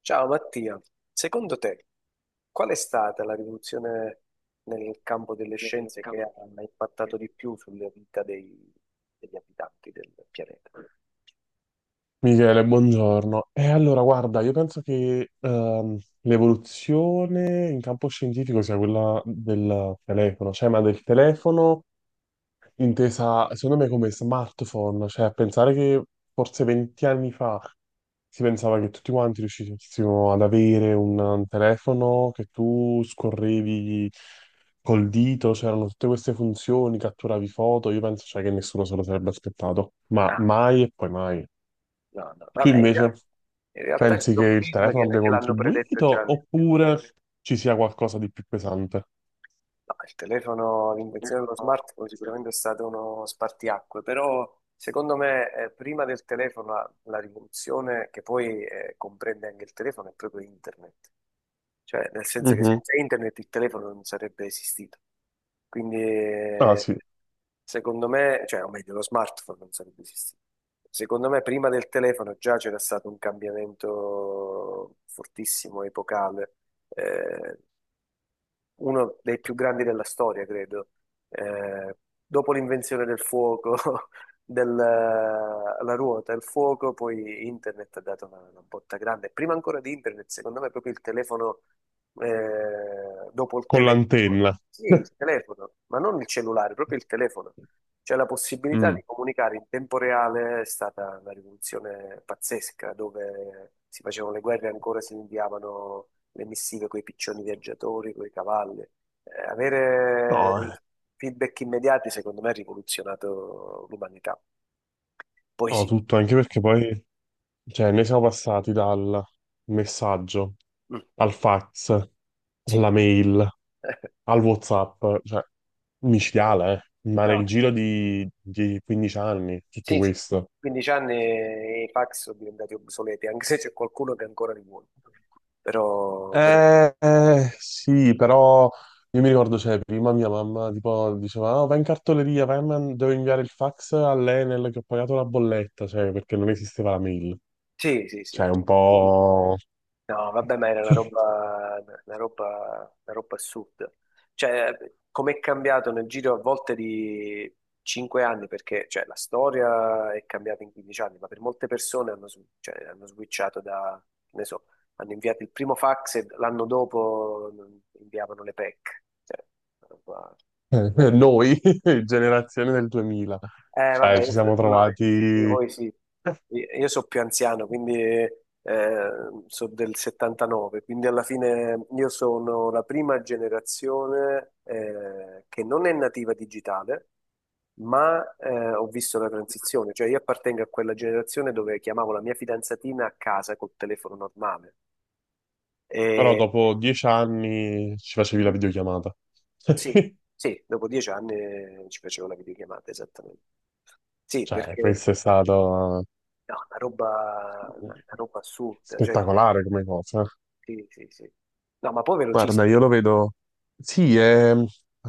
Ciao Mattia, secondo te qual è stata la rivoluzione nel campo delle scienze che ha impattato di più sulla vita degli abitanti del pianeta? Michele, buongiorno. E allora, guarda, io penso che l'evoluzione in campo scientifico sia quella del telefono, cioè, ma del telefono intesa, secondo me, come smartphone, cioè a pensare che forse 20 anni fa si pensava che tutti quanti riuscissimo ad avere un telefono che tu scorrevi col dito, c'erano tutte queste funzioni, catturavi foto, io penso, cioè, che nessuno se lo sarebbe aspettato, ma Ah, mai e poi mai. no, no, Tu vabbè, invece in realtà ci pensi che sono il film telefono che, abbia che l'hanno predetto contribuito già. No, oppure ci sia qualcosa di più pesante? il telefono, l'invenzione dello smartphone sicuramente è stato uno spartiacque, però secondo me prima del telefono la rivoluzione che poi comprende anche il telefono è proprio internet. Cioè, nel senso che Mhm. senza internet il telefono non sarebbe esistito. Quindi, Ah eh, sì, secondo me, cioè, o meglio, lo smartphone non sarebbe esistito. Secondo me, prima del telefono già c'era stato un cambiamento fortissimo, epocale, eh, uno dei più grandi della storia, credo. Eh, Dopo l'invenzione del fuoco, della la ruota, il fuoco, poi internet ha dato una botta grande. Prima ancora di internet, secondo me, proprio il telefono, dopo il con telefono, l'antenna. sì, il telefono, ma non il cellulare, proprio il telefono. Cioè la possibilità Mm. di comunicare in tempo reale è stata una rivoluzione pazzesca, dove si facevano le guerre e ancora si inviavano le missive con i piccioni viaggiatori, con i cavalli. Avere No, eh. feedback immediati, secondo me, ha rivoluzionato l'umanità. Poi No, sì. tutto, anche perché poi, cioè, ne siamo passati dal messaggio Mm. al fax, Sì. alla mail, al WhatsApp, cioè, micidiale, eh. Ma No, nel giro di 15 anni, tutto sì, sì. questo. 15 anni i fax sono diventati obsoleti, anche se c'è qualcuno che ancora li vuole. Però, però- Eh, sì, però io mi ricordo, cioè, prima mia mamma tipo diceva, "Ah, vai in cartoleria, devo inviare il fax all'Enel che ho pagato la bolletta, cioè, perché non esisteva la mail." sì, sì, sì. Cioè, un po'. No, vabbè, ma era una roba assurda. Cioè, com'è cambiato nel giro a volte di 5 anni, perché cioè, la storia è cambiata in 15 anni, ma per molte persone hanno, cioè, hanno switchato da, che ne so, hanno inviato il primo fax e l'anno dopo inviavano le PEC. Una roba- Noi, generazione del 2000, cioè, vabbè, ci io siamo so- no, trovati, voi sì. Io sono più anziano, quindi sono del 79, quindi alla fine io sono la prima generazione che non è nativa digitale, ma ho visto la transizione, cioè io appartengo a quella generazione dove chiamavo la mia fidanzatina a casa col telefono normale. però E dopo 10 anni ci facevi la videochiamata. sì, sì, dopo 10 anni ci facevo la videochiamata, esattamente. Sì, Cioè, perché questo è stato no, una roba assurda, cioè, spettacolare come cosa. sì, sì, sì. No, ma poi Guarda, velocissimo. io lo vedo. Sì, la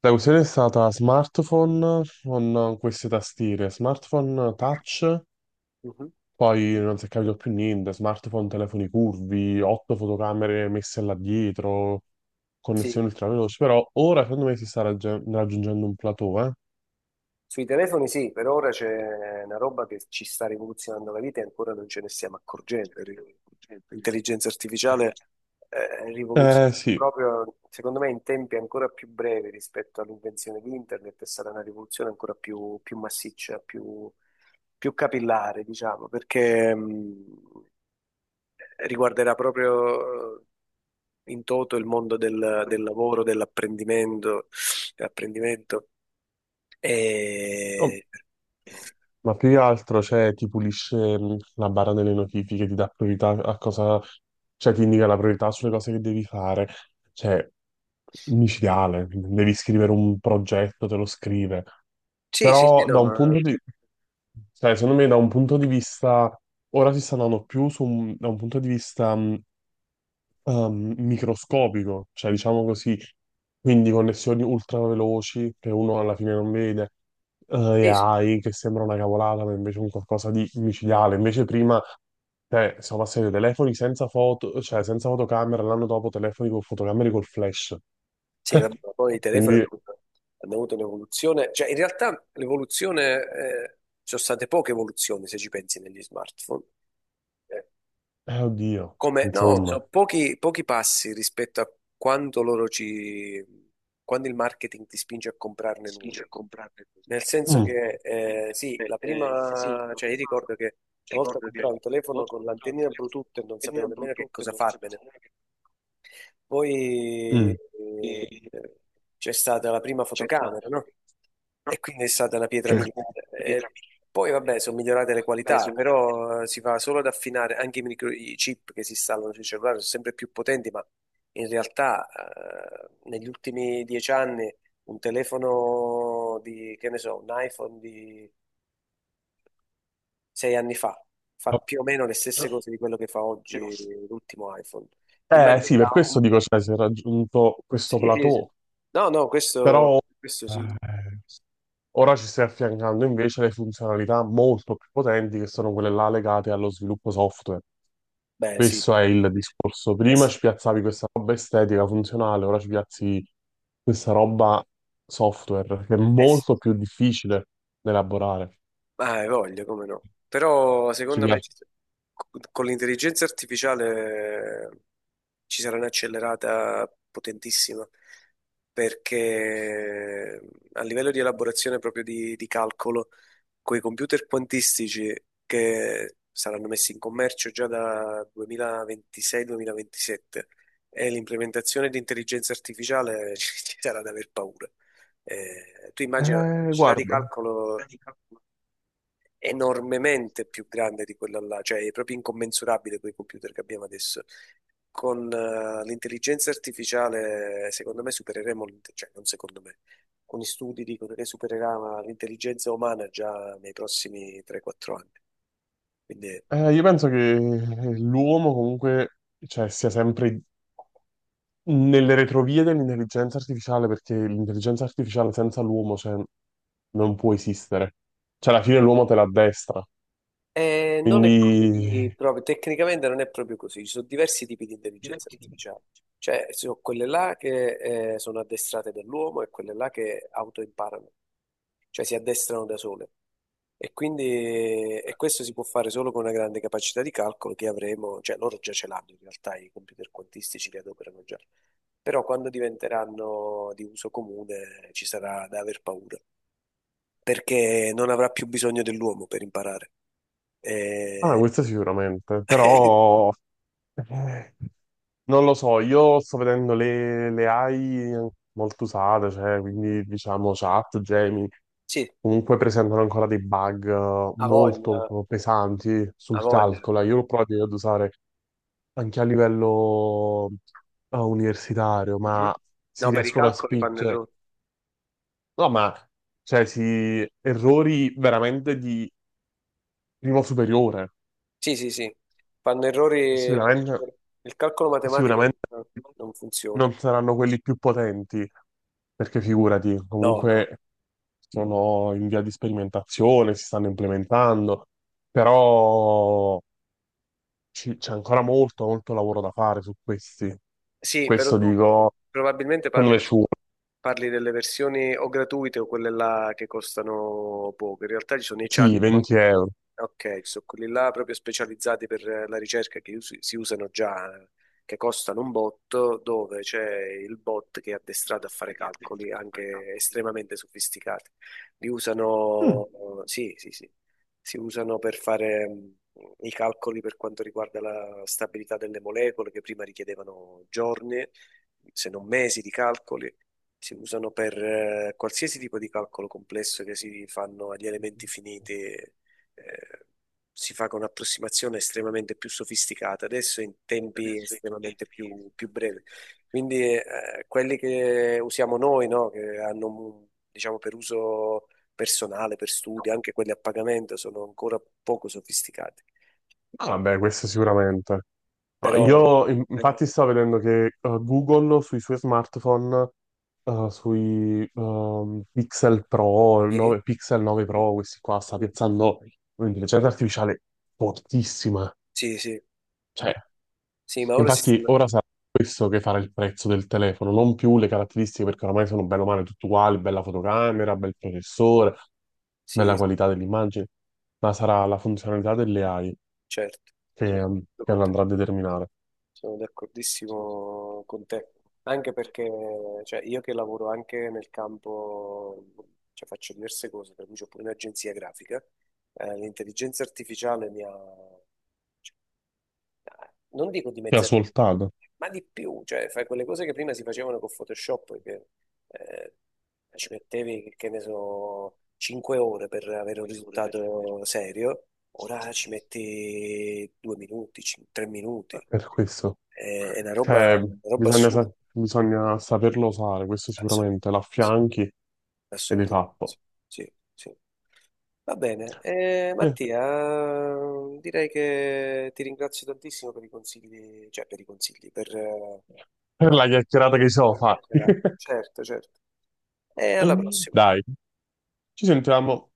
questione è stata smartphone con queste tastiere, smartphone touch, Mhm. poi non si è capito più niente, smartphone telefoni curvi, otto fotocamere messe là dietro, Sì, connessioni ultraveloci, però ora secondo me si sta raggiungendo un plateau, eh? sui telefoni sì, per ora c'è una roba che ci sta rivoluzionando la vita e ancora non ce ne stiamo accorgendo. L'intelligenza artificiale rivoluziona Eh sì, proprio, secondo me, in tempi ancora più brevi rispetto all'invenzione di internet, è stata una rivoluzione ancora più massiccia, più capillare, diciamo, perché riguarderà proprio in toto il mondo del lavoro, dell'apprendimento. no, E... ma più che altro, cioè, ti pulisce la barra delle notifiche, ti dà priorità a cosa, cioè, ti indica la priorità sulle cose che devi fare. Cioè, micidiale, devi scrivere un progetto, te lo scrive. sì, sì, sì. Però No, da un ma punto di, cioè, secondo me da un punto di vista, ora si sta andando più su da un punto di vista microscopico, cioè diciamo così, quindi connessioni ultra veloci che uno alla fine non vede, sì, sì. AI che sembra una cavolata, ma invece è un qualcosa di micidiale. Invece prima, cioè, siamo passati dai telefoni senza foto, cioè senza fotocamera, l'anno dopo telefoni con fotocamere col flash. Sì, vabbè, ma poi i telefoni Quindi, hanno avuto un'evoluzione, cioè in realtà l'evoluzione, ci sono state poche evoluzioni se ci pensi negli smartphone. Eh, oddio, Come, no, insomma. so pochi passi rispetto a quando loro ci, quando il marketing ti spinge a comprarne nuovi. Nel senso Mm, che, sì, la prima, cioè io ricordo che una volta compravo un telefono con l'antennina Bluetooth e non sapevo nemmeno che cosa farmene. Poi mm. C'è stata la prima fotocamera, no? E quindi è stata una pietra miliare. E poi vabbè, sono migliorate le qualità, però si va solo ad affinare anche i chip che si installano sui cellulari, sono sempre più potenti, ma in realtà negli ultimi 10 anni un telefono di, che ne so, un iPhone di 6 anni fa fa più o meno le stesse cose di quello che fa oggi l'ultimo iPhone in Eh maniera sì, per questo dico, cioè, si è raggiunto questo sì, sì, plateau, sì. No, no, però... questo sì. eh, Ora ci stai affiancando invece le funzionalità molto più potenti che sono quelle là legate allo sviluppo software. Beh, sì. Questo è il discorso. Eh Prima sì, ci piazzavi questa roba estetica, funzionale, ora ci piazzi questa roba software che è eh sì. molto più difficile da elaborare. Ma hai voglia, come no. Però Ci secondo me pia- ci- Con l'intelligenza artificiale ci sarà un'accelerata potentissima perché a livello di elaborazione proprio di calcolo coi computer quantistici che saranno messi in commercio già da 2026-2027 e l'implementazione di intelligenza artificiale ci sarà da aver paura. Tu immagina la capacità di guarda, calcolo enormemente più grande di quella là, cioè è proprio incommensurabile quei computer che abbiamo adesso. Con l'intelligenza artificiale, secondo me, cioè non secondo me, alcuni studi dicono che supererà l'intelligenza umana già nei prossimi 3-4 anni. Quindi io penso che l'uomo comunque, cioè, sia sempre nelle retrovie dell'intelligenza artificiale, perché l'intelligenza artificiale senza l'uomo, cioè, non può esistere. Cioè, alla fine l'uomo te l'addestra. Non è Quindi, così proprio, tecnicamente non è proprio così, ci sono diversi tipi di intelligenza artificiale. Cioè, ci sono quelle là che sono addestrate dall'uomo e quelle là che autoimparano, cioè si addestrano da sole. E quindi e questo si può fare solo con una grande capacità di calcolo che avremo, cioè loro già ce l'hanno in realtà, i computer quantistici li adoperano già, però quando diventeranno di uso comune ci sarà da aver paura, perché non avrà più bisogno dell'uomo per imparare. ah, E- questo sicuramente, però eh, non lo so, io sto vedendo le AI molto usate, cioè, quindi diciamo chat, Gemini, Sì, comunque presentano ancora dei bug ha molto voglia, pesanti ha sul voglia. calcolo. Io l'ho provato ad usare anche a livello universitario, Mhm. ma si No, per i riescono a calcoli fanno spingere. errori. No, ma cioè, si, errori veramente di primo superiore. Sì, sì, sì, fanno errori per... Sicuramente, Il calcolo matematico sicuramente non funziona. non saranno quelli più potenti, perché figurati, No, no. comunque sono in via di sperimentazione, si stanno implementando, però c'è ancora molto, molto lavoro da fare su questi. Sì, però Questo tu dico, probabilmente secondo parli, me ci vuole, parli delle versioni o gratuite o quelle là che costano poco. In realtà ci sono i sì, chatbot. 20 euro. Ok, ci sono quelli là proprio specializzati per la ricerca si usano già, che costano un botto, dove c'è il bot che è addestrato a fare calcoli anche estremamente sofisticati. Li usano, sì, sì, sì, si usano per fare i calcoli per quanto riguarda la stabilità delle molecole, che prima richiedevano giorni, se non mesi di calcoli. Si usano per qualsiasi tipo di calcolo complesso che si fanno agli elementi finiti. Si fa con un'approssimazione estremamente più sofisticata, adesso in tempi estremamente più brevi. Quindi quelli che usiamo noi, no, che hanno, diciamo, per uso personale per studi, anche quelli a pagamento sono ancora poco sofisticati. Ah, vabbè, questo sicuramente. Ma Però io infatti sto vedendo che Google sui suoi smartphone, sui Pixel Pro, eh, 9 Pixel 9 Pro, questi qua, sta piazzando un'intelligenza artificiale fortissima. sì, sì, Cioè, sì, ma ora si infatti stanno, ora sarà questo che farà il prezzo del telefono, non più le caratteristiche, perché oramai sono bene o male tutte uguali, bella fotocamera, bel processore, sì, bella qualità dell'immagine, ma sarà la funzionalità delle AI certo, che, sono ehm, d'accordo che con lo te, andrà a determinare. sono d'accordissimo con te, anche perché cioè, io che lavoro anche nel campo, cioè faccio diverse cose, per cui ho pure un'agenzia grafica, l'intelligenza artificiale mi ha non dico Ti ha dimezzate, svoltato. ma di più, cioè fai quelle cose che prima si facevano con Photoshop, che eh, ci mettevi, che ne so, 5 ore per avere un risultato serio, ora ci metti 2 minuti, 3 minuti, Per questo. è una roba, Cioè, una roba bisogna, assurda, bisogna saperlo usare, questo assolutamente, sicuramente, l'affianchi ed è assolutamente. fatto. Sì, sì. Va bene, Eh, Mattia, direi che ti ringrazio tantissimo per i consigli, cioè per i consigli, per Per la la chiacchierata che ci siamo la fatti. chiacchierata. Certo, certo. E alla prossima. Dai, ci sentiamo.